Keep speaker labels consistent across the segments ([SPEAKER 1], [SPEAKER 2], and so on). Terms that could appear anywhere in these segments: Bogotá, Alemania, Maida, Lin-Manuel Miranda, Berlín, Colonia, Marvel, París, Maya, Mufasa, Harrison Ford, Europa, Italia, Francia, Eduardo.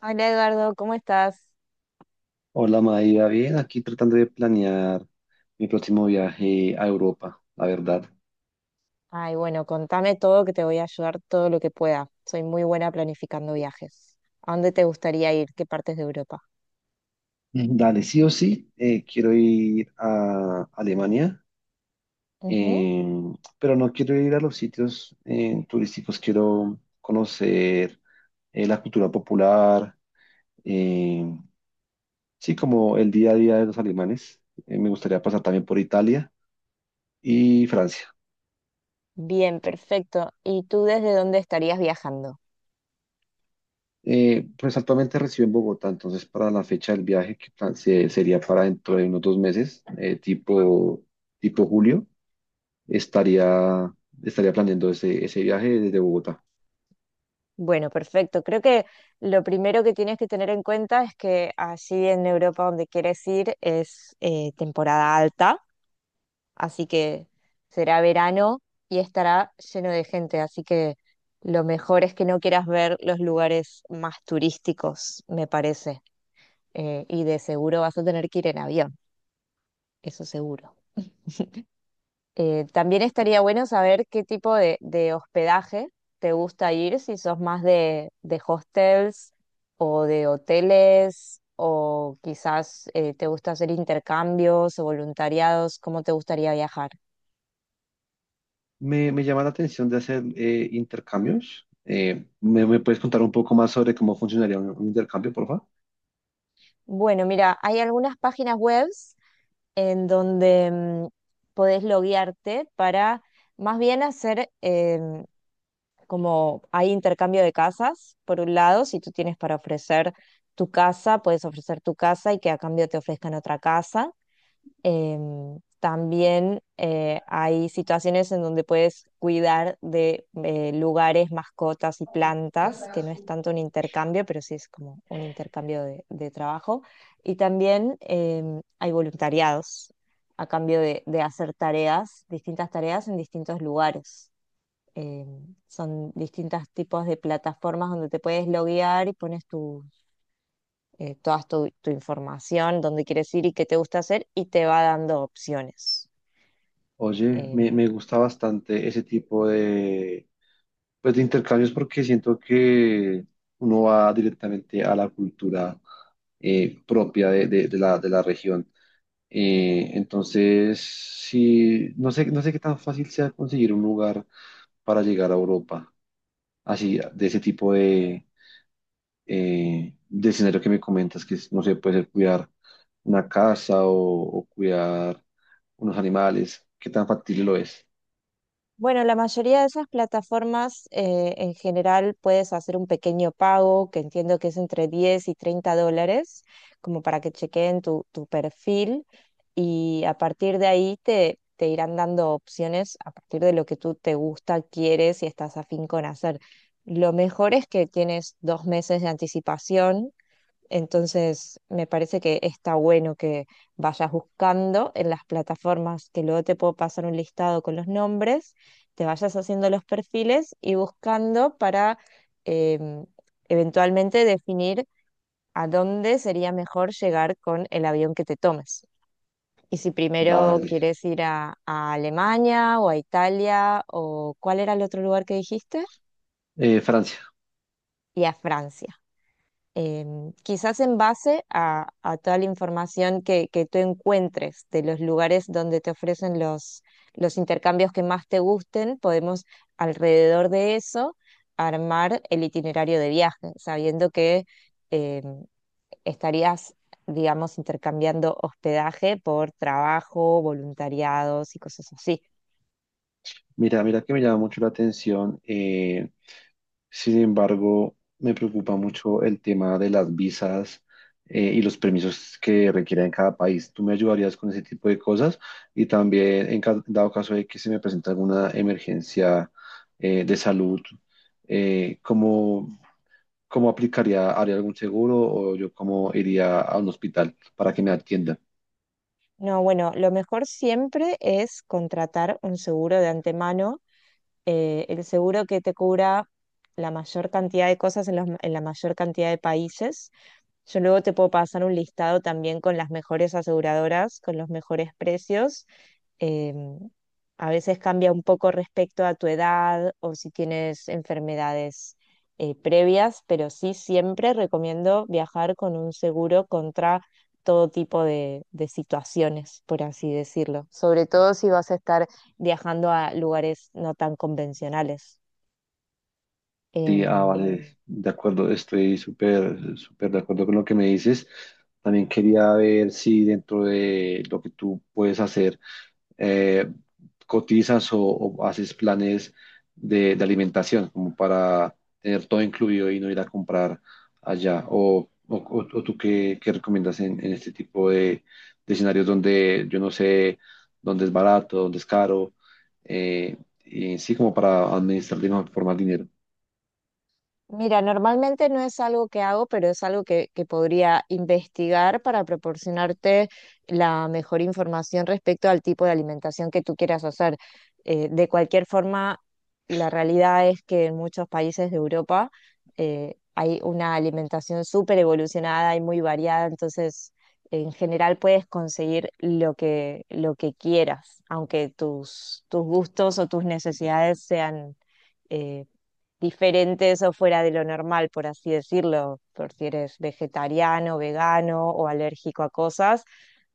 [SPEAKER 1] Hola Eduardo, ¿cómo estás?
[SPEAKER 2] Hola Maida, bien, aquí tratando de planear mi próximo viaje a Europa, la verdad.
[SPEAKER 1] Ay, bueno, contame todo que te voy a ayudar todo lo que pueda. Soy muy buena planificando viajes. ¿A dónde te gustaría ir? ¿Qué partes de Europa?
[SPEAKER 2] Dale, sí o sí, quiero ir a Alemania,
[SPEAKER 1] Ujú.
[SPEAKER 2] eh, pero no quiero ir a los sitios turísticos. Quiero conocer la cultura popular, eh, sí, como el día a día de los alemanes. Me gustaría pasar también por Italia y Francia.
[SPEAKER 1] Bien, perfecto. ¿Y tú desde dónde estarías viajando?
[SPEAKER 2] Pues actualmente recibo en Bogotá, entonces para la fecha del viaje, sería para dentro de unos 2 meses, tipo julio, estaría, estaría planeando ese viaje desde Bogotá.
[SPEAKER 1] Bueno, perfecto. Creo que lo primero que tienes que tener en cuenta es que allí en Europa donde quieres ir es temporada alta. Así que será verano y estará lleno de gente. Así que lo mejor es que no quieras ver los lugares más turísticos, me parece. Y de seguro vas a tener que ir en avión, eso seguro. También estaría bueno saber qué tipo de hospedaje te gusta ir, si sos más de hostels o de hoteles, o quizás te gusta hacer intercambios o voluntariados, ¿cómo te gustaría viajar?
[SPEAKER 2] Me llama la atención de hacer intercambios. ¿ Me puedes contar un poco más sobre cómo funcionaría un intercambio, por favor?
[SPEAKER 1] Bueno, mira, hay algunas páginas webs en donde podés loguearte para más bien hacer em, como hay intercambio de casas, por un lado, si tú tienes para ofrecer tu casa, puedes ofrecer tu casa y que a cambio te ofrezcan otra casa. También hay situaciones en donde puedes cuidar de lugares, mascotas y plantas, que no es tanto un intercambio, pero sí es como un intercambio de trabajo. Y también hay voluntariados a cambio de hacer tareas, distintas tareas en distintos lugares. Son distintos tipos de plataformas donde te puedes loguear y pones toda tu, tu información, dónde quieres ir y qué te gusta hacer, y te va dando opciones.
[SPEAKER 2] Oye,
[SPEAKER 1] Eh,
[SPEAKER 2] me gusta bastante ese tipo de, pues, de intercambios, porque siento que uno va directamente a la cultura propia de de la región. Entonces, sí, no sé qué tan fácil sea conseguir un lugar para llegar a Europa, así, de ese tipo de escenario que me comentas, que es, no sé, puede ser cuidar una casa o cuidar unos animales, qué tan factible lo es.
[SPEAKER 1] bueno, la mayoría de esas plataformas en general puedes hacer un pequeño pago, que entiendo que es entre $10 y $30, como para que chequeen tu, tu perfil y a partir de ahí te, te irán dando opciones a partir de lo que tú te gusta, quieres y estás afín con hacer. Lo mejor es que tienes 2 meses de anticipación. Entonces, me parece que está bueno que vayas buscando en las plataformas, que luego te puedo pasar un listado con los nombres, te vayas haciendo los perfiles y buscando para em, eventualmente definir a dónde sería mejor llegar con el avión que te tomes. Y si primero
[SPEAKER 2] Dale.
[SPEAKER 1] quieres ir a Alemania o a Italia o cuál era el otro lugar que dijiste,
[SPEAKER 2] Francia.
[SPEAKER 1] y a Francia. Quizás en base a toda la información que tú encuentres de los lugares donde te ofrecen los intercambios que más te gusten, podemos alrededor de eso armar el itinerario de viaje, sabiendo que em, estarías, digamos, intercambiando hospedaje por trabajo, voluntariados y cosas así.
[SPEAKER 2] Mira que me llama mucho la atención. Eh, sin embargo, me preocupa mucho el tema de las visas, y los permisos que requieren cada país. ¿Tú me ayudarías con ese tipo de cosas? Y también, dado caso de que se me presente alguna emergencia de salud, eh, ¿cómo, cómo aplicaría? ¿Haría algún seguro o yo cómo iría a un hospital para que me atiendan?
[SPEAKER 1] No, bueno, lo mejor siempre es contratar un seguro de antemano, el seguro que te cubra la mayor cantidad de cosas en, los- en la mayor cantidad de países. Yo luego te puedo pasar un listado también con las mejores aseguradoras, con los mejores precios. Em, a veces cambia un poco respecto a tu edad o si tienes enfermedades previas, pero sí siempre recomiendo viajar con un seguro contra todo tipo de situaciones, por así decirlo. Sobre todo si vas a estar viajando a lugares no tan convencionales.
[SPEAKER 2] Sí, ah, sí.
[SPEAKER 1] Em,
[SPEAKER 2] Vale, de acuerdo, estoy súper, súper de acuerdo con lo que me dices. También quería ver si dentro de lo que tú puedes hacer, eh, cotizas o haces planes de alimentación, como para tener todo incluido y no ir a comprar allá. O tú qué recomiendas en este tipo de escenarios donde yo no sé dónde es barato, dónde es caro, eh, y sí, como para administrar de mejor forma el dinero.
[SPEAKER 1] Mira, normalmente no es algo que hago, pero es algo que podría investigar para proporcionarte la mejor información respecto al tipo de alimentación que tú quieras hacer. De cualquier forma, la realidad es que en muchos países de Europa hay una alimentación súper evolucionada y muy variada, entonces en general puedes conseguir lo que quieras, aunque tus, tus gustos o tus necesidades sean... eh, diferentes o fuera de lo normal, por así decirlo, por si eres vegetariano, vegano o alérgico a cosas,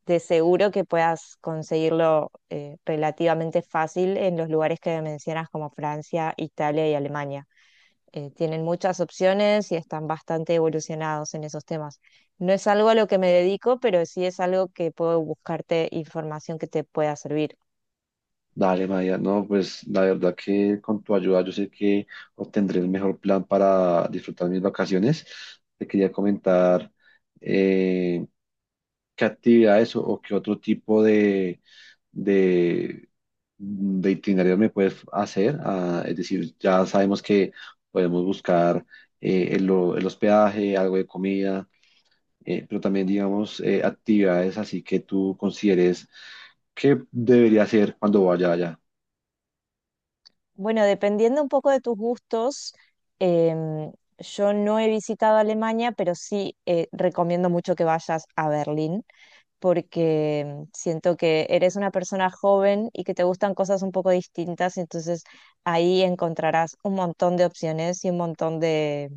[SPEAKER 1] de seguro que puedas conseguirlo relativamente fácil en los lugares que mencionas como Francia, Italia y Alemania. Tienen muchas opciones y están bastante evolucionados en esos temas. No es algo a lo que me dedico, pero sí es algo que puedo buscarte información que te pueda servir.
[SPEAKER 2] Dale, Maya, no, pues la verdad que con tu ayuda yo sé que obtendré el mejor plan para disfrutar mis vacaciones. Te quería comentar eh, qué actividades o qué otro tipo de, de itinerario me puedes hacer. Ah, es decir, ya sabemos que podemos buscar el hospedaje, algo de comida, pero también, digamos, actividades así que tú consideres que debería hacer cuando vaya allá.
[SPEAKER 1] Bueno, dependiendo un poco de tus gustos, em, yo no he visitado Alemania, pero sí recomiendo mucho que vayas a Berlín, porque siento que eres una persona joven y que te gustan cosas un poco distintas, entonces ahí encontrarás un montón de opciones y un montón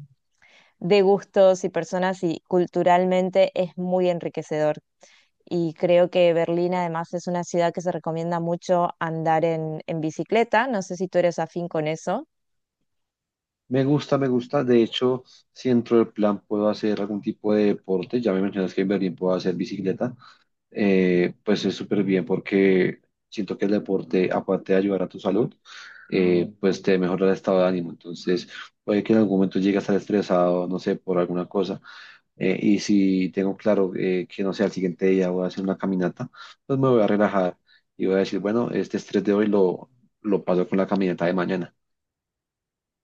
[SPEAKER 1] de gustos y personas y culturalmente es muy enriquecedor. Y creo que Berlín además es una ciudad que se recomienda mucho andar en bicicleta. No sé si tú eres afín con eso.
[SPEAKER 2] Me gusta, me gusta. De hecho, si dentro del plan puedo hacer algún tipo de deporte, ya me mencionas que en Berlín puedo hacer bicicleta, pues es súper bien porque siento que el deporte, aparte de ayudar a tu salud, pues te mejora el estado de ánimo. Entonces, puede que en algún momento llegue a estar estresado, no sé, por alguna cosa. Y si tengo claro que, no sé, al siguiente día voy a hacer una caminata, pues me voy a relajar y voy a decir, bueno, este estrés de hoy lo paso con la caminata de mañana.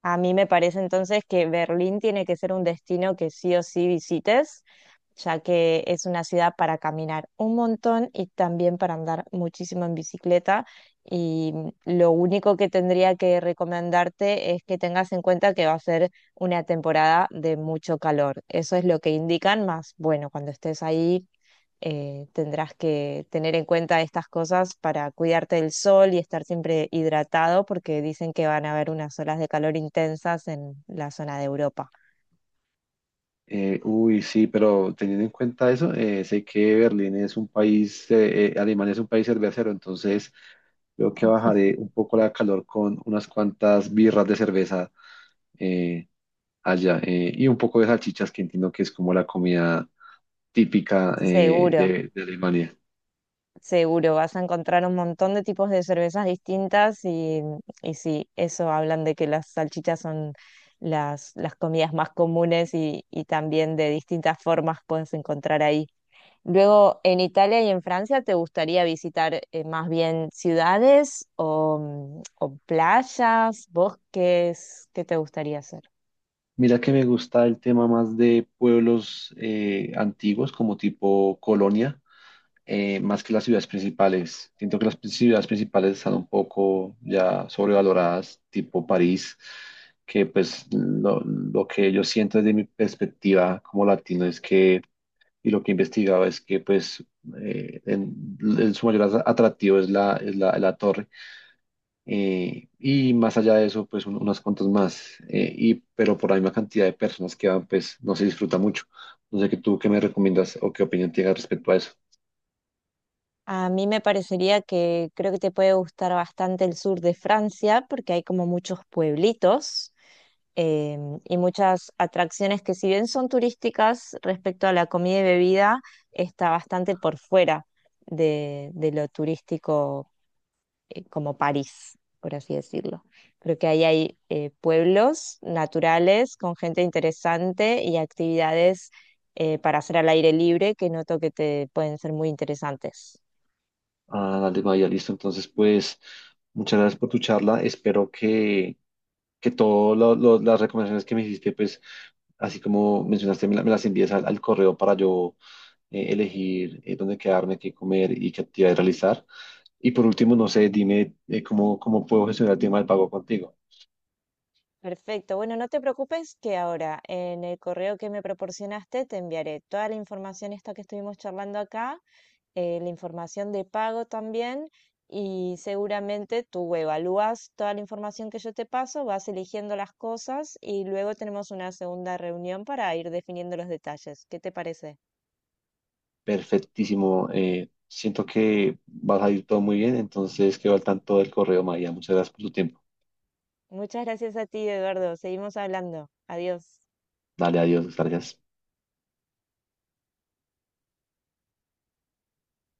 [SPEAKER 1] A mí me parece entonces que Berlín tiene que ser un destino que sí o sí visites, ya que es una ciudad para caminar un montón y también para andar muchísimo en bicicleta. Y lo único que tendría que recomendarte es que tengas en cuenta que va a ser una temporada de mucho calor. Eso es lo que indican, más bueno, cuando estés ahí tendrás que tener en cuenta estas cosas para cuidarte del sol y estar siempre hidratado porque dicen que van a haber unas olas de calor intensas en la zona de Europa.
[SPEAKER 2] Uy, sí, pero teniendo en cuenta eso, sé que Berlín es un país, Alemania es un país cervecero. Entonces creo que bajaré un poco la calor con unas cuantas birras de cerveza, eh, allá, y un poco de salchichas, que entiendo que es como la comida típica,
[SPEAKER 1] Seguro,
[SPEAKER 2] de Alemania.
[SPEAKER 1] seguro, vas a encontrar un montón de tipos de cervezas distintas y sí, eso hablan de que las salchichas son las comidas más comunes y también de distintas formas puedes encontrar ahí. Luego, en Italia y en Francia, ¿te gustaría visitar más bien ciudades o, o playas, bosques? ¿Qué te gustaría hacer?
[SPEAKER 2] Mira que me gusta el tema más de pueblos antiguos, como tipo Colonia. Eh, más que las ciudades principales. Siento que ciudades principales están un poco ya sobrevaloradas, tipo París, que pues lo que yo siento desde mi perspectiva como latino es que, y lo que he investigado es que pues en su atractivo es es la torre. Y más allá de eso, pues unas cuantas más. Eh, y pero por la misma cantidad de personas que van, pues no se disfruta mucho. No sé qué tú qué me recomiendas o qué opinión tienes respecto a eso.
[SPEAKER 1] A mí me parecería que creo que te puede gustar bastante el sur de Francia porque hay como muchos pueblitos eh, y muchas atracciones que si bien son turísticas respecto a la comida y bebida, está bastante por fuera de lo turístico como París, por así decirlo. Creo que ahí hay pueblos naturales con gente interesante y actividades para hacer al aire libre que noto que te pueden ser muy interesantes.
[SPEAKER 2] Ah, dale, Maya, listo. Entonces, pues, muchas gracias por tu charla. Espero que todas las recomendaciones que me hiciste, pues, así como mencionaste, me las envíes al correo para yo elegir dónde quedarme, qué comer y qué actividades realizar. Y por último, no sé, dime cómo puedo gestionar el tema del pago contigo.
[SPEAKER 1] Perfecto. Bueno, no te preocupes que ahora en el correo que me proporcionaste te enviaré toda la información esta que estuvimos charlando acá, la información de pago también, y seguramente tú evalúas toda la información que yo te paso, vas eligiendo las cosas y luego tenemos una segunda reunión para ir definiendo los detalles. ¿Qué te parece?
[SPEAKER 2] Perfectísimo. Eh, siento que vas a ir todo muy bien. Entonces, quedo al tanto del correo, Maya. Muchas gracias por tu tiempo.
[SPEAKER 1] Muchas gracias a ti, Eduardo. Seguimos hablando. Adiós.
[SPEAKER 2] Dale, adiós. Gracias.